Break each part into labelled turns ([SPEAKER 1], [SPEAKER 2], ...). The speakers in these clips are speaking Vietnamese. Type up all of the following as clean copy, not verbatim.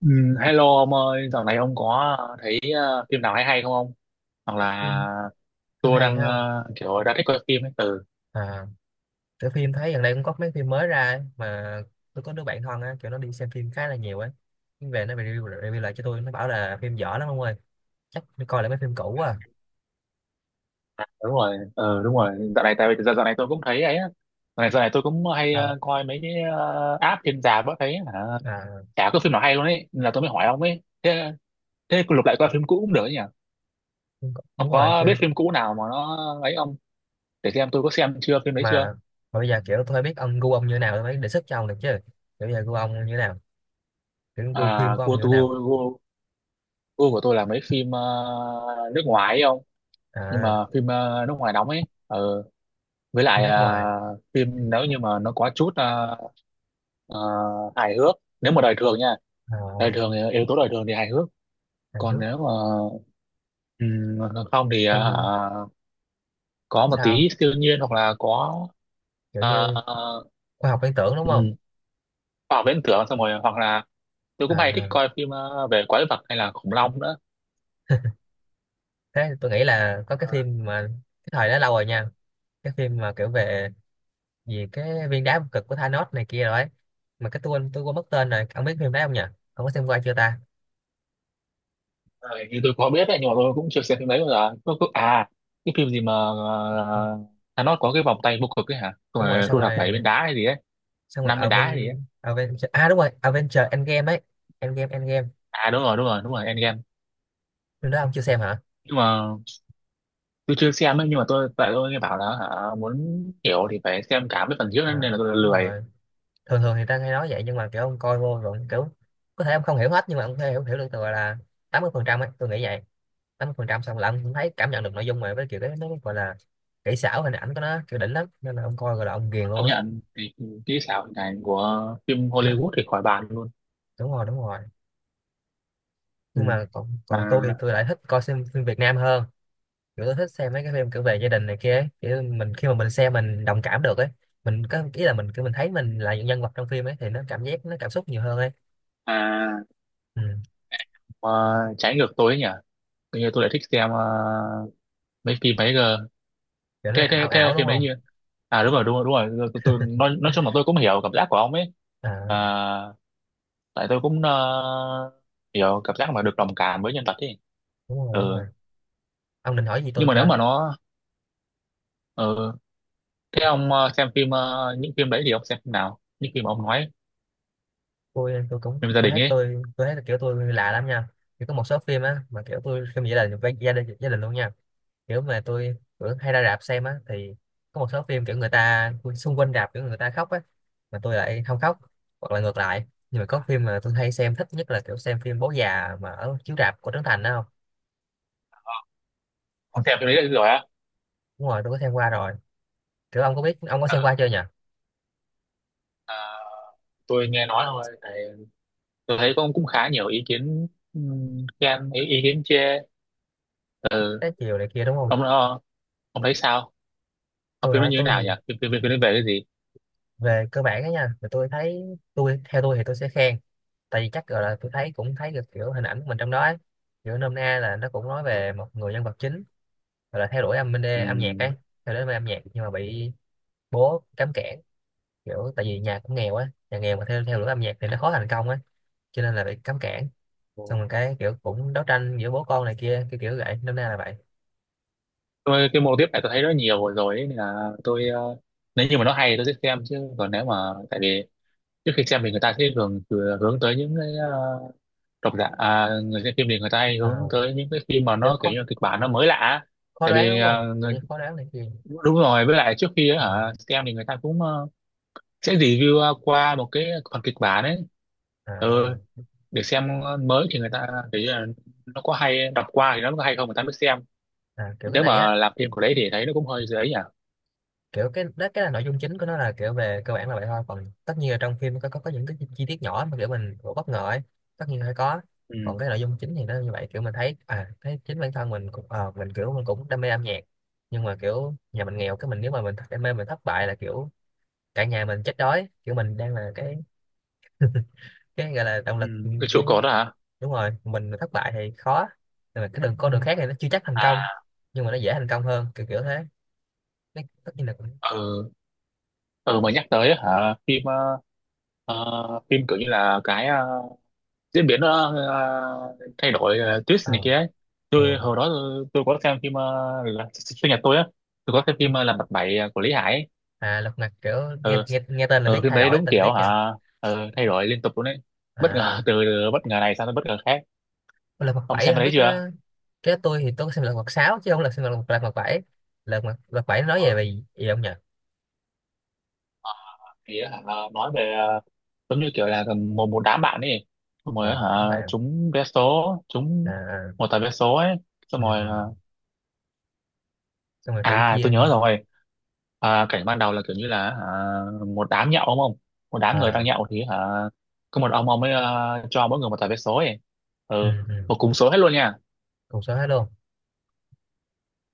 [SPEAKER 1] Ừ, hello ông ơi, dạo này ông có thấy phim nào hay hay không ông? Hoặc
[SPEAKER 2] Ừ,
[SPEAKER 1] là
[SPEAKER 2] phim
[SPEAKER 1] tôi
[SPEAKER 2] hay hay
[SPEAKER 1] đang
[SPEAKER 2] không
[SPEAKER 1] kiểu đã thích coi phim ấy. Ừ,
[SPEAKER 2] à? Cái phim thấy gần đây cũng có mấy phim mới ra ấy, mà tôi có đứa bạn thân á, kiểu nó đi xem phim khá là nhiều ấy. Nhưng về nó review lại cho tôi, nó bảo là phim dở lắm ông ơi, chắc đi coi lại mấy phim cũ à.
[SPEAKER 1] à, đúng rồi, ừ, đúng rồi. Dạo này tại vì dạo này tôi cũng thấy ấy. Á. Dạo này tôi cũng hay
[SPEAKER 2] Sao
[SPEAKER 1] coi mấy cái app trên rạp á thấy hả,
[SPEAKER 2] à?
[SPEAKER 1] chả có phim nào hay luôn ấy, nên là tôi mới hỏi ông ấy. Thế thế lục lại coi phim cũ cũng được ấy nhỉ? Ông
[SPEAKER 2] Đúng rồi
[SPEAKER 1] có
[SPEAKER 2] chứ.
[SPEAKER 1] biết phim cũ nào mà nó ấy không? Để xem tôi có xem chưa phim đấy chưa?
[SPEAKER 2] mà, mà bây giờ kiểu tôi biết ông gu ông như nào tôi mới đề xuất cho ông được chứ. Kiểu bây giờ gu ông như nào, kiểu gu phim
[SPEAKER 1] À,
[SPEAKER 2] của ông như nào?
[SPEAKER 1] gu của tôi là mấy phim nước ngoài ấy ông, nhưng
[SPEAKER 2] À,
[SPEAKER 1] mà phim nước ngoài đóng ấy, với
[SPEAKER 2] phim
[SPEAKER 1] lại
[SPEAKER 2] nước ngoài,
[SPEAKER 1] phim nếu như mà nó có chút ờ, hài hước, nếu mà đời thường nha,
[SPEAKER 2] à,
[SPEAKER 1] đời thường thì- yếu tố đời thường thì hài hước,
[SPEAKER 2] Hàn
[SPEAKER 1] còn
[SPEAKER 2] Quốc.
[SPEAKER 1] nếu mà ừm, không thì
[SPEAKER 2] Funny?
[SPEAKER 1] có một
[SPEAKER 2] Sao?
[SPEAKER 1] tí siêu nhiên hoặc là có
[SPEAKER 2] Kiểu như
[SPEAKER 1] uh,
[SPEAKER 2] khoa học viễn tưởng đúng không?
[SPEAKER 1] khoa học viễn tưởng, xong rồi hoặc là tôi cũng hay thích
[SPEAKER 2] À,
[SPEAKER 1] coi phim về quái vật hay là khủng long nữa.
[SPEAKER 2] thế tôi nghĩ là có cái phim mà cái thời đó lâu rồi nha. Cái phim mà kiểu về gì cái viên đá vô cực của Thanos này kia rồi ấy, mà cái tôi quên mất tên rồi, ông biết phim đấy không nhỉ? Ông có xem qua chưa ta?
[SPEAKER 1] Ờ, như tôi có biết đấy nhưng mà tôi cũng chưa xem phim đấy bao giờ, à cái phim gì mà
[SPEAKER 2] Ừ,
[SPEAKER 1] Thanos có cái vòng tay vô cực ấy hả. Xong
[SPEAKER 2] đúng rồi,
[SPEAKER 1] rồi
[SPEAKER 2] xong
[SPEAKER 1] thu thập bảy
[SPEAKER 2] rồi.
[SPEAKER 1] viên đá hay gì ấy,
[SPEAKER 2] Xong rồi
[SPEAKER 1] năm viên đá hay gì
[SPEAKER 2] Aven
[SPEAKER 1] ấy.
[SPEAKER 2] Avenger, à đúng rồi, Avenger Endgame ấy. Endgame, Endgame.
[SPEAKER 1] À đúng rồi đúng rồi đúng rồi, Endgame.
[SPEAKER 2] Phim đó ông chưa xem hả?
[SPEAKER 1] Nhưng mà tôi chưa xem ấy, nhưng mà tôi, tại tôi nghe bảo là hả, muốn hiểu thì phải xem cả mấy phần trước
[SPEAKER 2] À,
[SPEAKER 1] ấy, nên là tôi
[SPEAKER 2] đúng
[SPEAKER 1] lười.
[SPEAKER 2] rồi, thường thường thì ta hay nói vậy nhưng mà kiểu ông coi vô rồi kiểu có thể ông không hiểu hết, nhưng mà ông có thể hiểu hiểu được, từ gọi là 80% ấy, tôi nghĩ vậy. 80%, xong là ông cũng thấy cảm nhận được nội dung, mà với kiểu cái nó gọi là kỹ xảo hình ảnh của nó kiểu đỉnh lắm, nên là ông coi gọi là ông ghiền luôn
[SPEAKER 1] Công
[SPEAKER 2] á.
[SPEAKER 1] nhận thì kỹ xảo hình ảnh của phim
[SPEAKER 2] Mà-
[SPEAKER 1] Hollywood thì khỏi bàn luôn.
[SPEAKER 2] Đúng rồi, đúng rồi. Nhưng
[SPEAKER 1] Ừ,
[SPEAKER 2] mà còn
[SPEAKER 1] mà
[SPEAKER 2] còn tôi thì tôi lại thích coi xem phim Việt Nam hơn. Kiểu tôi thích xem mấy cái phim kiểu về gia đình này kia ấy. Kiểu mình khi mà mình xem mình đồng cảm được ấy, mình có ý là mình kiểu mình thấy mình là những nhân vật trong phim ấy thì nó cảm giác, nó cảm xúc nhiều hơn ấy.
[SPEAKER 1] à
[SPEAKER 2] Ừ.
[SPEAKER 1] mà trái ngược tôi ấy nhỉ, tự nhiên tôi lại thích xem mấy phim ấy cơ,
[SPEAKER 2] Kiểu nó
[SPEAKER 1] cái
[SPEAKER 2] ảo
[SPEAKER 1] cái cái
[SPEAKER 2] ảo đúng
[SPEAKER 1] phim ấy
[SPEAKER 2] không?
[SPEAKER 1] như à đúng rồi đúng rồi đúng rồi, nói chung là tôi cũng hiểu cảm giác của ông ấy. À,
[SPEAKER 2] À
[SPEAKER 1] tại tôi cũng hiểu cảm giác mà được đồng cảm với nhân vật ấy.
[SPEAKER 2] đúng rồi, đúng rồi.
[SPEAKER 1] Ừ.
[SPEAKER 2] Ông định hỏi gì tôi
[SPEAKER 1] Nhưng mà nếu
[SPEAKER 2] cơ?
[SPEAKER 1] mà nó ừ. Thế ông xem phim những phim đấy thì ông xem phim nào, những phim mà ông nói,
[SPEAKER 2] tôi tôi cũng
[SPEAKER 1] phim gia
[SPEAKER 2] tôi
[SPEAKER 1] đình
[SPEAKER 2] thấy
[SPEAKER 1] ấy,
[SPEAKER 2] tôi thấy kiểu tôi lạ lắm nha. Kiểu có một số phim á mà kiểu tôi phim vậy là với gia đình, gia đình luôn nha. Kiểu mà tôi kiểu hay ra rạp xem á, thì có một số phim kiểu người ta xung quanh rạp kiểu người ta khóc á, mà tôi lại không khóc, hoặc là ngược lại. Nhưng mà có phim mà tôi hay xem thích nhất là kiểu xem phim Bố già mà ở chiếu rạp của Trấn Thành đó, không?
[SPEAKER 1] ông xem phim đấy rồi á?
[SPEAKER 2] Đúng rồi, tôi có xem qua rồi. Kiểu ông có biết, ông có xem
[SPEAKER 1] À,
[SPEAKER 2] qua chưa nhỉ?
[SPEAKER 1] à, tôi nghe nói thôi, tại tôi thấy cũng cũng khá nhiều ý kiến, khen, ý kiến chê.
[SPEAKER 2] Trái chiều này kia đúng không?
[SPEAKER 1] Ông ông thấy sao? Ờ,
[SPEAKER 2] Tôi
[SPEAKER 1] phim nó
[SPEAKER 2] hả?
[SPEAKER 1] như thế
[SPEAKER 2] Tôi thì
[SPEAKER 1] nào nhỉ, phim phim phim phim nó về cái
[SPEAKER 2] về cơ bản đó nha, thì tôi thấy, tôi theo tôi thì tôi sẽ khen. Tại vì chắc gọi là tôi thấy, cũng thấy được kiểu hình ảnh của mình trong đó ấy. Kiểu nôm na là nó cũng nói về một người nhân vật chính, gọi là theo đuổi âm bên đê âm nhạc ấy.
[SPEAKER 1] gì?
[SPEAKER 2] Theo đuổi âm nhạc nhưng mà bị bố cấm cản. Kiểu tại vì nhà cũng nghèo á, nhà nghèo mà theo theo đuổi âm nhạc thì nó khó thành công á, cho nên là bị cấm cản.
[SPEAKER 1] Ừ.
[SPEAKER 2] Xong rồi cái kiểu cũng đấu tranh giữa bố con này kia, cái kiểu vậy, nôm na là vậy.
[SPEAKER 1] Tôi cái mô tiếp này tôi thấy rất nhiều rồi rồi ấy, nên là tôi nếu như mà nó hay thì tôi sẽ xem, chứ còn nếu mà tại vì trước khi xem thì người ta sẽ thường thường hướng tới những cái độc giả à, người xem phim thì người ta hay hướng
[SPEAKER 2] À,
[SPEAKER 1] tới những cái phim mà
[SPEAKER 2] kiểu
[SPEAKER 1] nó kiểu
[SPEAKER 2] khó,
[SPEAKER 1] như là kịch bản nó mới lạ á.
[SPEAKER 2] khó
[SPEAKER 1] Tại
[SPEAKER 2] đoán
[SPEAKER 1] vì
[SPEAKER 2] đúng không, kiểu như khó đoán này kia.
[SPEAKER 1] đúng rồi với lại trước khi ấy,
[SPEAKER 2] Ừ.
[SPEAKER 1] hả xem thì người ta cũng sẽ review qua một cái phần kịch bản ấy,
[SPEAKER 2] À, à,
[SPEAKER 1] ừ, để xem mới thì người ta thấy là nó có hay, đọc qua thì nó có hay không người ta mới xem.
[SPEAKER 2] à, kiểu cái
[SPEAKER 1] Nếu
[SPEAKER 2] này á.
[SPEAKER 1] mà làm phim của đấy thì thấy nó cũng hơi dễ nhỉ.
[SPEAKER 2] Kiểu cái đó, cái là nội dung chính của nó là kiểu về cơ bản là vậy thôi, còn tất nhiên là trong phim có những cái chi tiết nhỏ mà kiểu mình cũng bất ngờ ấy, tất nhiên phải có.
[SPEAKER 1] Ừ.
[SPEAKER 2] Còn cái nội dung chính thì nó như vậy, kiểu mình thấy, à thấy chính bản thân mình cũng mình kiểu mình cũng đam mê âm nhạc, nhưng mà kiểu nhà mình nghèo, cái mình nếu mà mình đam mê mình thất bại là kiểu cả nhà mình chết đói, kiểu mình đang là cái gọi là động
[SPEAKER 1] Ừ,
[SPEAKER 2] lực
[SPEAKER 1] cái chỗ
[SPEAKER 2] cái.
[SPEAKER 1] cột đó hả?
[SPEAKER 2] Đúng rồi, mình thất bại thì khó, nhưng mà cái đường, con đường khác thì nó chưa chắc thành công,
[SPEAKER 1] À,
[SPEAKER 2] nhưng mà nó dễ thành công hơn, kiểu kiểu thế. Nó tất nhiên là cũng
[SPEAKER 1] ừ, ừ mà nhắc tới á hả phim phim kiểu như là cái diễn biến thay đổi
[SPEAKER 2] ờ
[SPEAKER 1] twist này kia ấy.
[SPEAKER 2] ờ.
[SPEAKER 1] Tôi hồi đó tôi có xem phim là sinh nhật tôi á, tôi có xem phim là mặt bảy của Lý Hải ấy.
[SPEAKER 2] À lật mặt kiểu, nghe
[SPEAKER 1] Ừ,
[SPEAKER 2] nghe tên là
[SPEAKER 1] ừ
[SPEAKER 2] biết
[SPEAKER 1] phim
[SPEAKER 2] thay
[SPEAKER 1] đấy
[SPEAKER 2] đổi
[SPEAKER 1] đúng
[SPEAKER 2] tình tiết
[SPEAKER 1] kiểu
[SPEAKER 2] nha.
[SPEAKER 1] hả, ừ, thay đổi liên tục luôn đấy. Bất ngờ
[SPEAKER 2] À,
[SPEAKER 1] từ bất ngờ này sang tới bất ngờ khác.
[SPEAKER 2] lật mặt
[SPEAKER 1] Ông
[SPEAKER 2] bảy
[SPEAKER 1] xem cái
[SPEAKER 2] không biết
[SPEAKER 1] đấy
[SPEAKER 2] nó,
[SPEAKER 1] chưa?
[SPEAKER 2] cái tôi thì tôi có xem lật mặt 6 chứ không là xem lật mặt 7. Lật mặt lật bảy nó nói về về gì không nhỉ?
[SPEAKER 1] Thì á hả nói về giống như kiểu là một một đám bạn ấy, xong rồi
[SPEAKER 2] Ờ một đám
[SPEAKER 1] hả
[SPEAKER 2] bạn,
[SPEAKER 1] trúng vé số,
[SPEAKER 2] à,
[SPEAKER 1] trúng
[SPEAKER 2] à.
[SPEAKER 1] một tờ vé số ấy, xong
[SPEAKER 2] Ừ.
[SPEAKER 1] rồi à
[SPEAKER 2] Xong rồi kiểu
[SPEAKER 1] à,
[SPEAKER 2] chia,
[SPEAKER 1] tôi nhớ rồi. À, cảnh ban đầu là kiểu như là hả, một đám nhậu đúng không, một đám người đang
[SPEAKER 2] à,
[SPEAKER 1] nhậu thì hả có một ông ấy cho mỗi người một tờ vé số ấy,
[SPEAKER 2] ừ,
[SPEAKER 1] ừ,
[SPEAKER 2] ừ.
[SPEAKER 1] một cùng số hết luôn nha,
[SPEAKER 2] Cùng số hết luôn.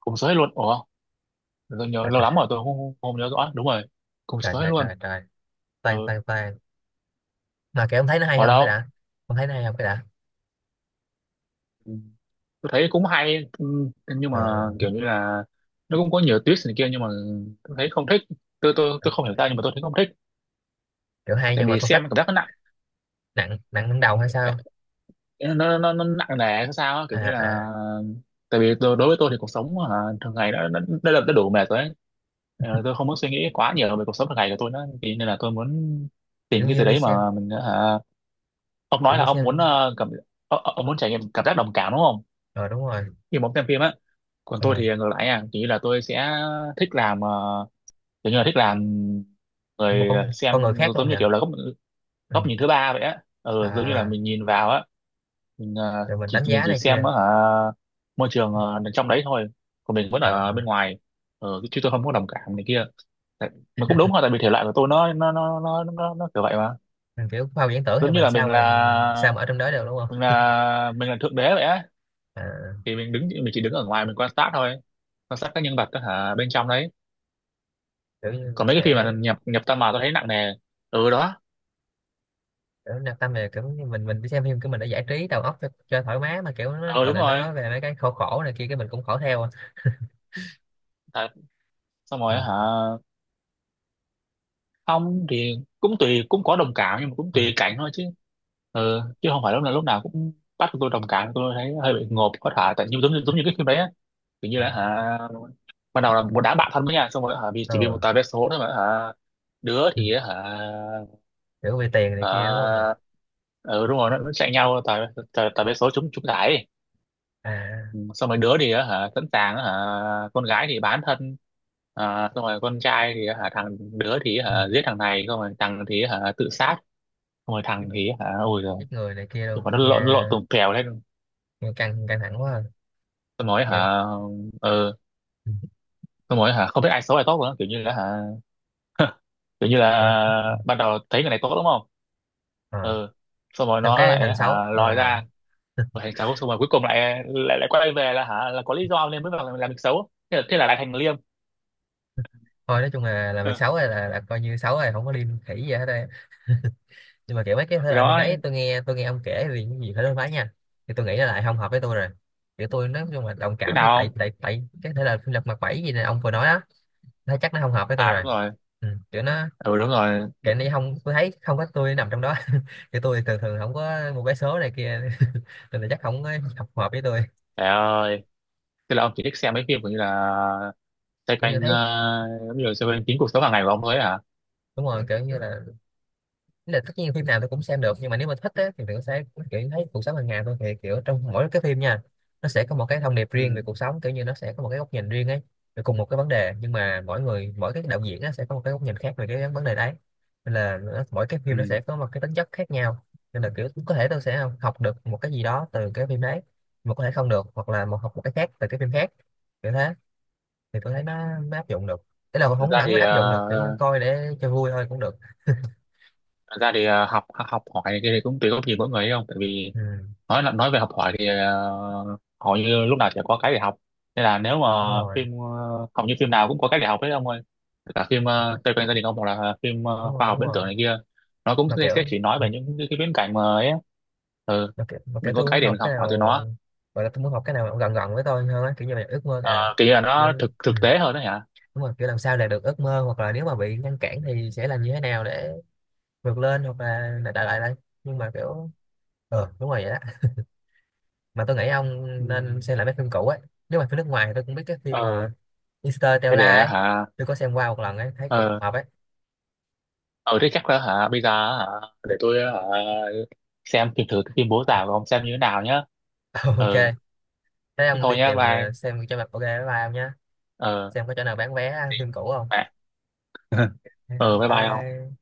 [SPEAKER 1] cùng số hết luôn, ủa tôi nhớ
[SPEAKER 2] Trời
[SPEAKER 1] lâu lắm
[SPEAKER 2] trời
[SPEAKER 1] rồi tôi không, không nhớ rõ đúng rồi, cùng
[SPEAKER 2] trời
[SPEAKER 1] số hết
[SPEAKER 2] trời
[SPEAKER 1] luôn,
[SPEAKER 2] trời trời.
[SPEAKER 1] ừ
[SPEAKER 2] Tan tan tan. Mà kiểu ông thấy nó hay
[SPEAKER 1] ở
[SPEAKER 2] không cái
[SPEAKER 1] đâu.
[SPEAKER 2] đã, ông thấy nó hay không cái đã?
[SPEAKER 1] Ừ. Tôi thấy cũng hay, ừ, nhưng mà
[SPEAKER 2] Ờ,
[SPEAKER 1] kiểu như là nó cũng có nhiều twist này kia nhưng mà tôi thấy không thích, tôi không hiểu sao nhưng mà tôi thấy không thích.
[SPEAKER 2] kiểu hay
[SPEAKER 1] Tại
[SPEAKER 2] nhưng mà
[SPEAKER 1] vì
[SPEAKER 2] không
[SPEAKER 1] xem
[SPEAKER 2] thích.
[SPEAKER 1] cảm giác nó nặng,
[SPEAKER 2] Nặng, nặng đến đầu hay sao?
[SPEAKER 1] nó nặng nề hay sao á, kiểu
[SPEAKER 2] À,
[SPEAKER 1] như là
[SPEAKER 2] à,
[SPEAKER 1] tại vì tôi, đối với tôi thì cuộc sống hả, thường ngày đã đủ mệt rồi ấy. Ờ, tôi không muốn suy nghĩ quá nhiều về cuộc sống thường ngày của tôi nữa thì nên là tôi muốn
[SPEAKER 2] kiểu
[SPEAKER 1] tìm cái
[SPEAKER 2] như
[SPEAKER 1] gì
[SPEAKER 2] đi
[SPEAKER 1] đấy
[SPEAKER 2] xem,
[SPEAKER 1] mà mình hả, ông
[SPEAKER 2] kiểu
[SPEAKER 1] nói là
[SPEAKER 2] như
[SPEAKER 1] ông muốn
[SPEAKER 2] xem.
[SPEAKER 1] cảm, ông muốn trải nghiệm cảm giác đồng cảm đúng không,
[SPEAKER 2] Ờ đúng rồi.
[SPEAKER 1] khi mà ông xem phim á. Còn tôi
[SPEAKER 2] Ờ,
[SPEAKER 1] thì ngược lại à, kiểu như là tôi sẽ thích làm kiểu như là thích làm
[SPEAKER 2] như một
[SPEAKER 1] người
[SPEAKER 2] con người
[SPEAKER 1] xem
[SPEAKER 2] khác luôn
[SPEAKER 1] giống như
[SPEAKER 2] nhỉ.
[SPEAKER 1] kiểu là góc
[SPEAKER 2] Ừ.
[SPEAKER 1] góc nhìn thứ ba vậy á, ừ, giống như là
[SPEAKER 2] À,
[SPEAKER 1] mình nhìn vào á, mình
[SPEAKER 2] rồi mình đánh giá
[SPEAKER 1] chỉ
[SPEAKER 2] này
[SPEAKER 1] xem
[SPEAKER 2] kia.
[SPEAKER 1] ở môi trường trong đấy thôi, còn mình vẫn ở
[SPEAKER 2] À,
[SPEAKER 1] bên ngoài, ừ, chứ tôi không có đồng cảm này kia. Tại- mà cũng đúng thôi tại vì thể loại của tôi nó kiểu vậy mà,
[SPEAKER 2] mình kiểu khoa học viễn tưởng thì
[SPEAKER 1] giống như
[SPEAKER 2] mình
[SPEAKER 1] là mình
[SPEAKER 2] sao, mình
[SPEAKER 1] là
[SPEAKER 2] sao mà ở trong đó được đúng không?
[SPEAKER 1] mình là thượng đế vậy á,
[SPEAKER 2] À,
[SPEAKER 1] thì mình chỉ đứng ở ngoài mình quan sát thôi, quan sát các nhân vật đó, hả bên trong đấy.
[SPEAKER 2] kiểu như
[SPEAKER 1] Còn
[SPEAKER 2] mình
[SPEAKER 1] mấy cái phim
[SPEAKER 2] sẽ,
[SPEAKER 1] mà nhập nhập tâm vào tôi thấy nặng nề, ừ đó,
[SPEAKER 2] kiểu nạp tâm về, kiểu như mình đi xem phim của mình để giải trí đầu óc cho thoải mái, mà kiểu nó
[SPEAKER 1] ừ
[SPEAKER 2] gọi
[SPEAKER 1] đúng
[SPEAKER 2] là nó
[SPEAKER 1] rồi,
[SPEAKER 2] nói về mấy cái khổ, khổ này kia, cái mình cũng khổ theo à.
[SPEAKER 1] tại xong rồi hả
[SPEAKER 2] Ừ.
[SPEAKER 1] không thì cũng tùy, cũng có đồng cảm nhưng mà cũng
[SPEAKER 2] Ờ,
[SPEAKER 1] tùy cảnh thôi chứ, ừ, chứ không phải lúc nào cũng bắt tôi đồng cảm, tôi thấy hơi bị ngộp. Có thể tại như giống như cái phim đấy á, kiểu như là
[SPEAKER 2] à,
[SPEAKER 1] hả ban đầu là một đám bạn thân với nhau, xong rồi hả vì chỉ vì một
[SPEAKER 2] ừ.
[SPEAKER 1] tờ vé số thôi mà hả đứa
[SPEAKER 2] Ừ.
[SPEAKER 1] thì hả
[SPEAKER 2] Kiểu vì tiền này kia đúng không nhỉ?
[SPEAKER 1] hả, ừ đúng rồi nó chạy nhau tờ, tờ vé số trúng, trúng giải. Ừ,
[SPEAKER 2] À,
[SPEAKER 1] xong rồi đứa thì á hả sẵn sàng á hả con gái thì bán thân, à, xong rồi con trai thì á hả đứa thì
[SPEAKER 2] ừ.
[SPEAKER 1] hả giết thằng này, xong rồi thằng thì hả tự sát, xong rồi
[SPEAKER 2] Giết,
[SPEAKER 1] thằng thì hả ôi
[SPEAKER 2] giết
[SPEAKER 1] rồi,
[SPEAKER 2] người này kia luôn
[SPEAKER 1] nhưng mà
[SPEAKER 2] nghe.
[SPEAKER 1] nó lộn tùng kèo lên.
[SPEAKER 2] Nghe căng, căng thẳng quá à.
[SPEAKER 1] Tôi nói
[SPEAKER 2] Nghe.
[SPEAKER 1] hả ờ,
[SPEAKER 2] Ừ.
[SPEAKER 1] tôi nói hả không biết ai xấu ai tốt nữa, kiểu như là hả kiểu như
[SPEAKER 2] Vâng,
[SPEAKER 1] là ban đầu thấy người này tốt đúng không,
[SPEAKER 2] à.
[SPEAKER 1] ừ, xong rồi
[SPEAKER 2] Trong
[SPEAKER 1] nó
[SPEAKER 2] cái
[SPEAKER 1] lại
[SPEAKER 2] thành xấu
[SPEAKER 1] hả lòi
[SPEAKER 2] à?
[SPEAKER 1] ra rồi thành xấu, xong rồi cuối cùng lại lại lại quay về là hả là có lý do nên mới vào làm việc xấu, thế là lại thành liêm.
[SPEAKER 2] Thôi nói chung là làm việc
[SPEAKER 1] Ừ.
[SPEAKER 2] xấu này là coi như xấu rồi, không có liên khỉ gì hết đây. Nhưng mà kiểu mấy cái thể
[SPEAKER 1] Thì
[SPEAKER 2] loại phim
[SPEAKER 1] đó,
[SPEAKER 2] đấy tôi nghe, tôi nghe ông kể thì cái gì phải đối phái nha, thì tôi nghĩ là lại không hợp với tôi rồi. Kiểu tôi nói chung là đồng
[SPEAKER 1] cái
[SPEAKER 2] cảm thì
[SPEAKER 1] nào
[SPEAKER 2] tại
[SPEAKER 1] không,
[SPEAKER 2] tại tại cái thể loại phim lật mặt 7 gì này ông vừa nói á, thấy chắc nó không hợp với tôi
[SPEAKER 1] à đúng
[SPEAKER 2] rồi.
[SPEAKER 1] rồi,
[SPEAKER 2] Ừ. Kiểu nó,
[SPEAKER 1] ừ đúng rồi,
[SPEAKER 2] kiểu này không, tôi thấy không có tôi nằm trong đó. Kiểu tôi thường thường không có một cái số này kia. Nên là chắc không có hợp, hợp với tôi.
[SPEAKER 1] trời ơi, tức là ông chỉ thích xem mấy phim kiểu như là xoay
[SPEAKER 2] Kiểu như
[SPEAKER 1] quanh
[SPEAKER 2] thấy,
[SPEAKER 1] giống như là xoay quanh chính cuộc sống hàng ngày của ông thôi ấy hả,
[SPEAKER 2] đúng rồi, kiểu như là, ý là tất nhiên phim nào tôi cũng xem được, nhưng mà nếu mà thích á, thì mình sẽ kiểu thấy cuộc sống hàng ngày thôi. Thì kiểu trong mỗi cái phim nha, nó sẽ có một cái thông điệp riêng về
[SPEAKER 1] ừ.
[SPEAKER 2] cuộc sống, kiểu như nó sẽ có một cái góc nhìn riêng ấy, về cùng một cái vấn đề, nhưng mà mỗi người, mỗi cái đạo diễn á, sẽ có một cái góc nhìn khác về cái vấn đề đấy, nên là nó, mỗi cái phim nó sẽ
[SPEAKER 1] Ừ.
[SPEAKER 2] có một cái tính chất khác nhau. Nên là kiểu có thể tôi sẽ học học được một cái gì đó từ cái phim đấy, mà có thể không được, hoặc là một học một cái khác từ cái phim khác, kiểu thế. Thì tôi thấy nó áp dụng được. Thế là
[SPEAKER 1] thực
[SPEAKER 2] không
[SPEAKER 1] ra
[SPEAKER 2] hẳn
[SPEAKER 1] thì
[SPEAKER 2] là áp
[SPEAKER 1] ờ,
[SPEAKER 2] dụng được, kiểu như coi để cho vui thôi cũng được.
[SPEAKER 1] thực ra thì học học hỏi này kia thì cũng tùy góc nhìn mỗi người ấy không, tại vì
[SPEAKER 2] Ừ,
[SPEAKER 1] nói là nói về học hỏi thì hầu như lúc nào sẽ có cái để học, nên là nếu mà
[SPEAKER 2] đúng rồi,
[SPEAKER 1] phim hầu như phim nào cũng có cái để học hết ông ơi, cả phim xoay quanh gia đình ông hoặc là phim
[SPEAKER 2] đúng
[SPEAKER 1] khoa
[SPEAKER 2] rồi,
[SPEAKER 1] học
[SPEAKER 2] đúng
[SPEAKER 1] viễn tưởng
[SPEAKER 2] rồi.
[SPEAKER 1] này kia, nó cũng
[SPEAKER 2] Mà kiểu
[SPEAKER 1] sẽ chỉ nói
[SPEAKER 2] ừ,
[SPEAKER 1] về những cái viễn cảnh mà ấy á. Ừ,
[SPEAKER 2] mà kiểu, mà kiểu
[SPEAKER 1] mình có
[SPEAKER 2] tôi
[SPEAKER 1] cái
[SPEAKER 2] muốn
[SPEAKER 1] để
[SPEAKER 2] học
[SPEAKER 1] mình
[SPEAKER 2] cái
[SPEAKER 1] học hỏi từ
[SPEAKER 2] nào,
[SPEAKER 1] nó.
[SPEAKER 2] gọi là tôi muốn học cái nào gần, gần với tôi hơn á, kiểu như là ước mơ à.
[SPEAKER 1] Ờ, kiểu như là
[SPEAKER 2] Nên-
[SPEAKER 1] nó thực thực tế hơn đó hả,
[SPEAKER 2] đúng rồi, kiểu làm sao đạt được ước mơ, hoặc là nếu mà bị ngăn cản thì sẽ làm như thế nào để vượt lên, hoặc là đại lại đây. Nhưng mà kiểu đúng rồi, vậy đó. Mà tôi nghĩ ông
[SPEAKER 1] ừ.
[SPEAKER 2] nên xem lại mấy phim cũ ấy. Nếu mà phim nước ngoài thì tôi cũng biết cái phim mà
[SPEAKER 1] Ờ thế
[SPEAKER 2] Interstellar
[SPEAKER 1] để
[SPEAKER 2] ấy,
[SPEAKER 1] hả
[SPEAKER 2] tôi có xem qua một lần ấy thấy cũng
[SPEAKER 1] ờ,
[SPEAKER 2] hợp ấy.
[SPEAKER 1] ờ thế chắc là hả bây giờ hả để tôi hả xem thử thử cái phim bố già của ông xem như thế nào nhá.
[SPEAKER 2] Ok.
[SPEAKER 1] Ờ
[SPEAKER 2] Thế
[SPEAKER 1] thế
[SPEAKER 2] ông đi
[SPEAKER 1] thôi nhá,
[SPEAKER 2] tìm
[SPEAKER 1] bye,
[SPEAKER 2] xem cho mặt, ok, bye bye ông nhé.
[SPEAKER 1] ờ
[SPEAKER 2] Xem có chỗ nào bán vé phim cũ không.
[SPEAKER 1] bạn, ờ bye bye ông.
[SPEAKER 2] Ba.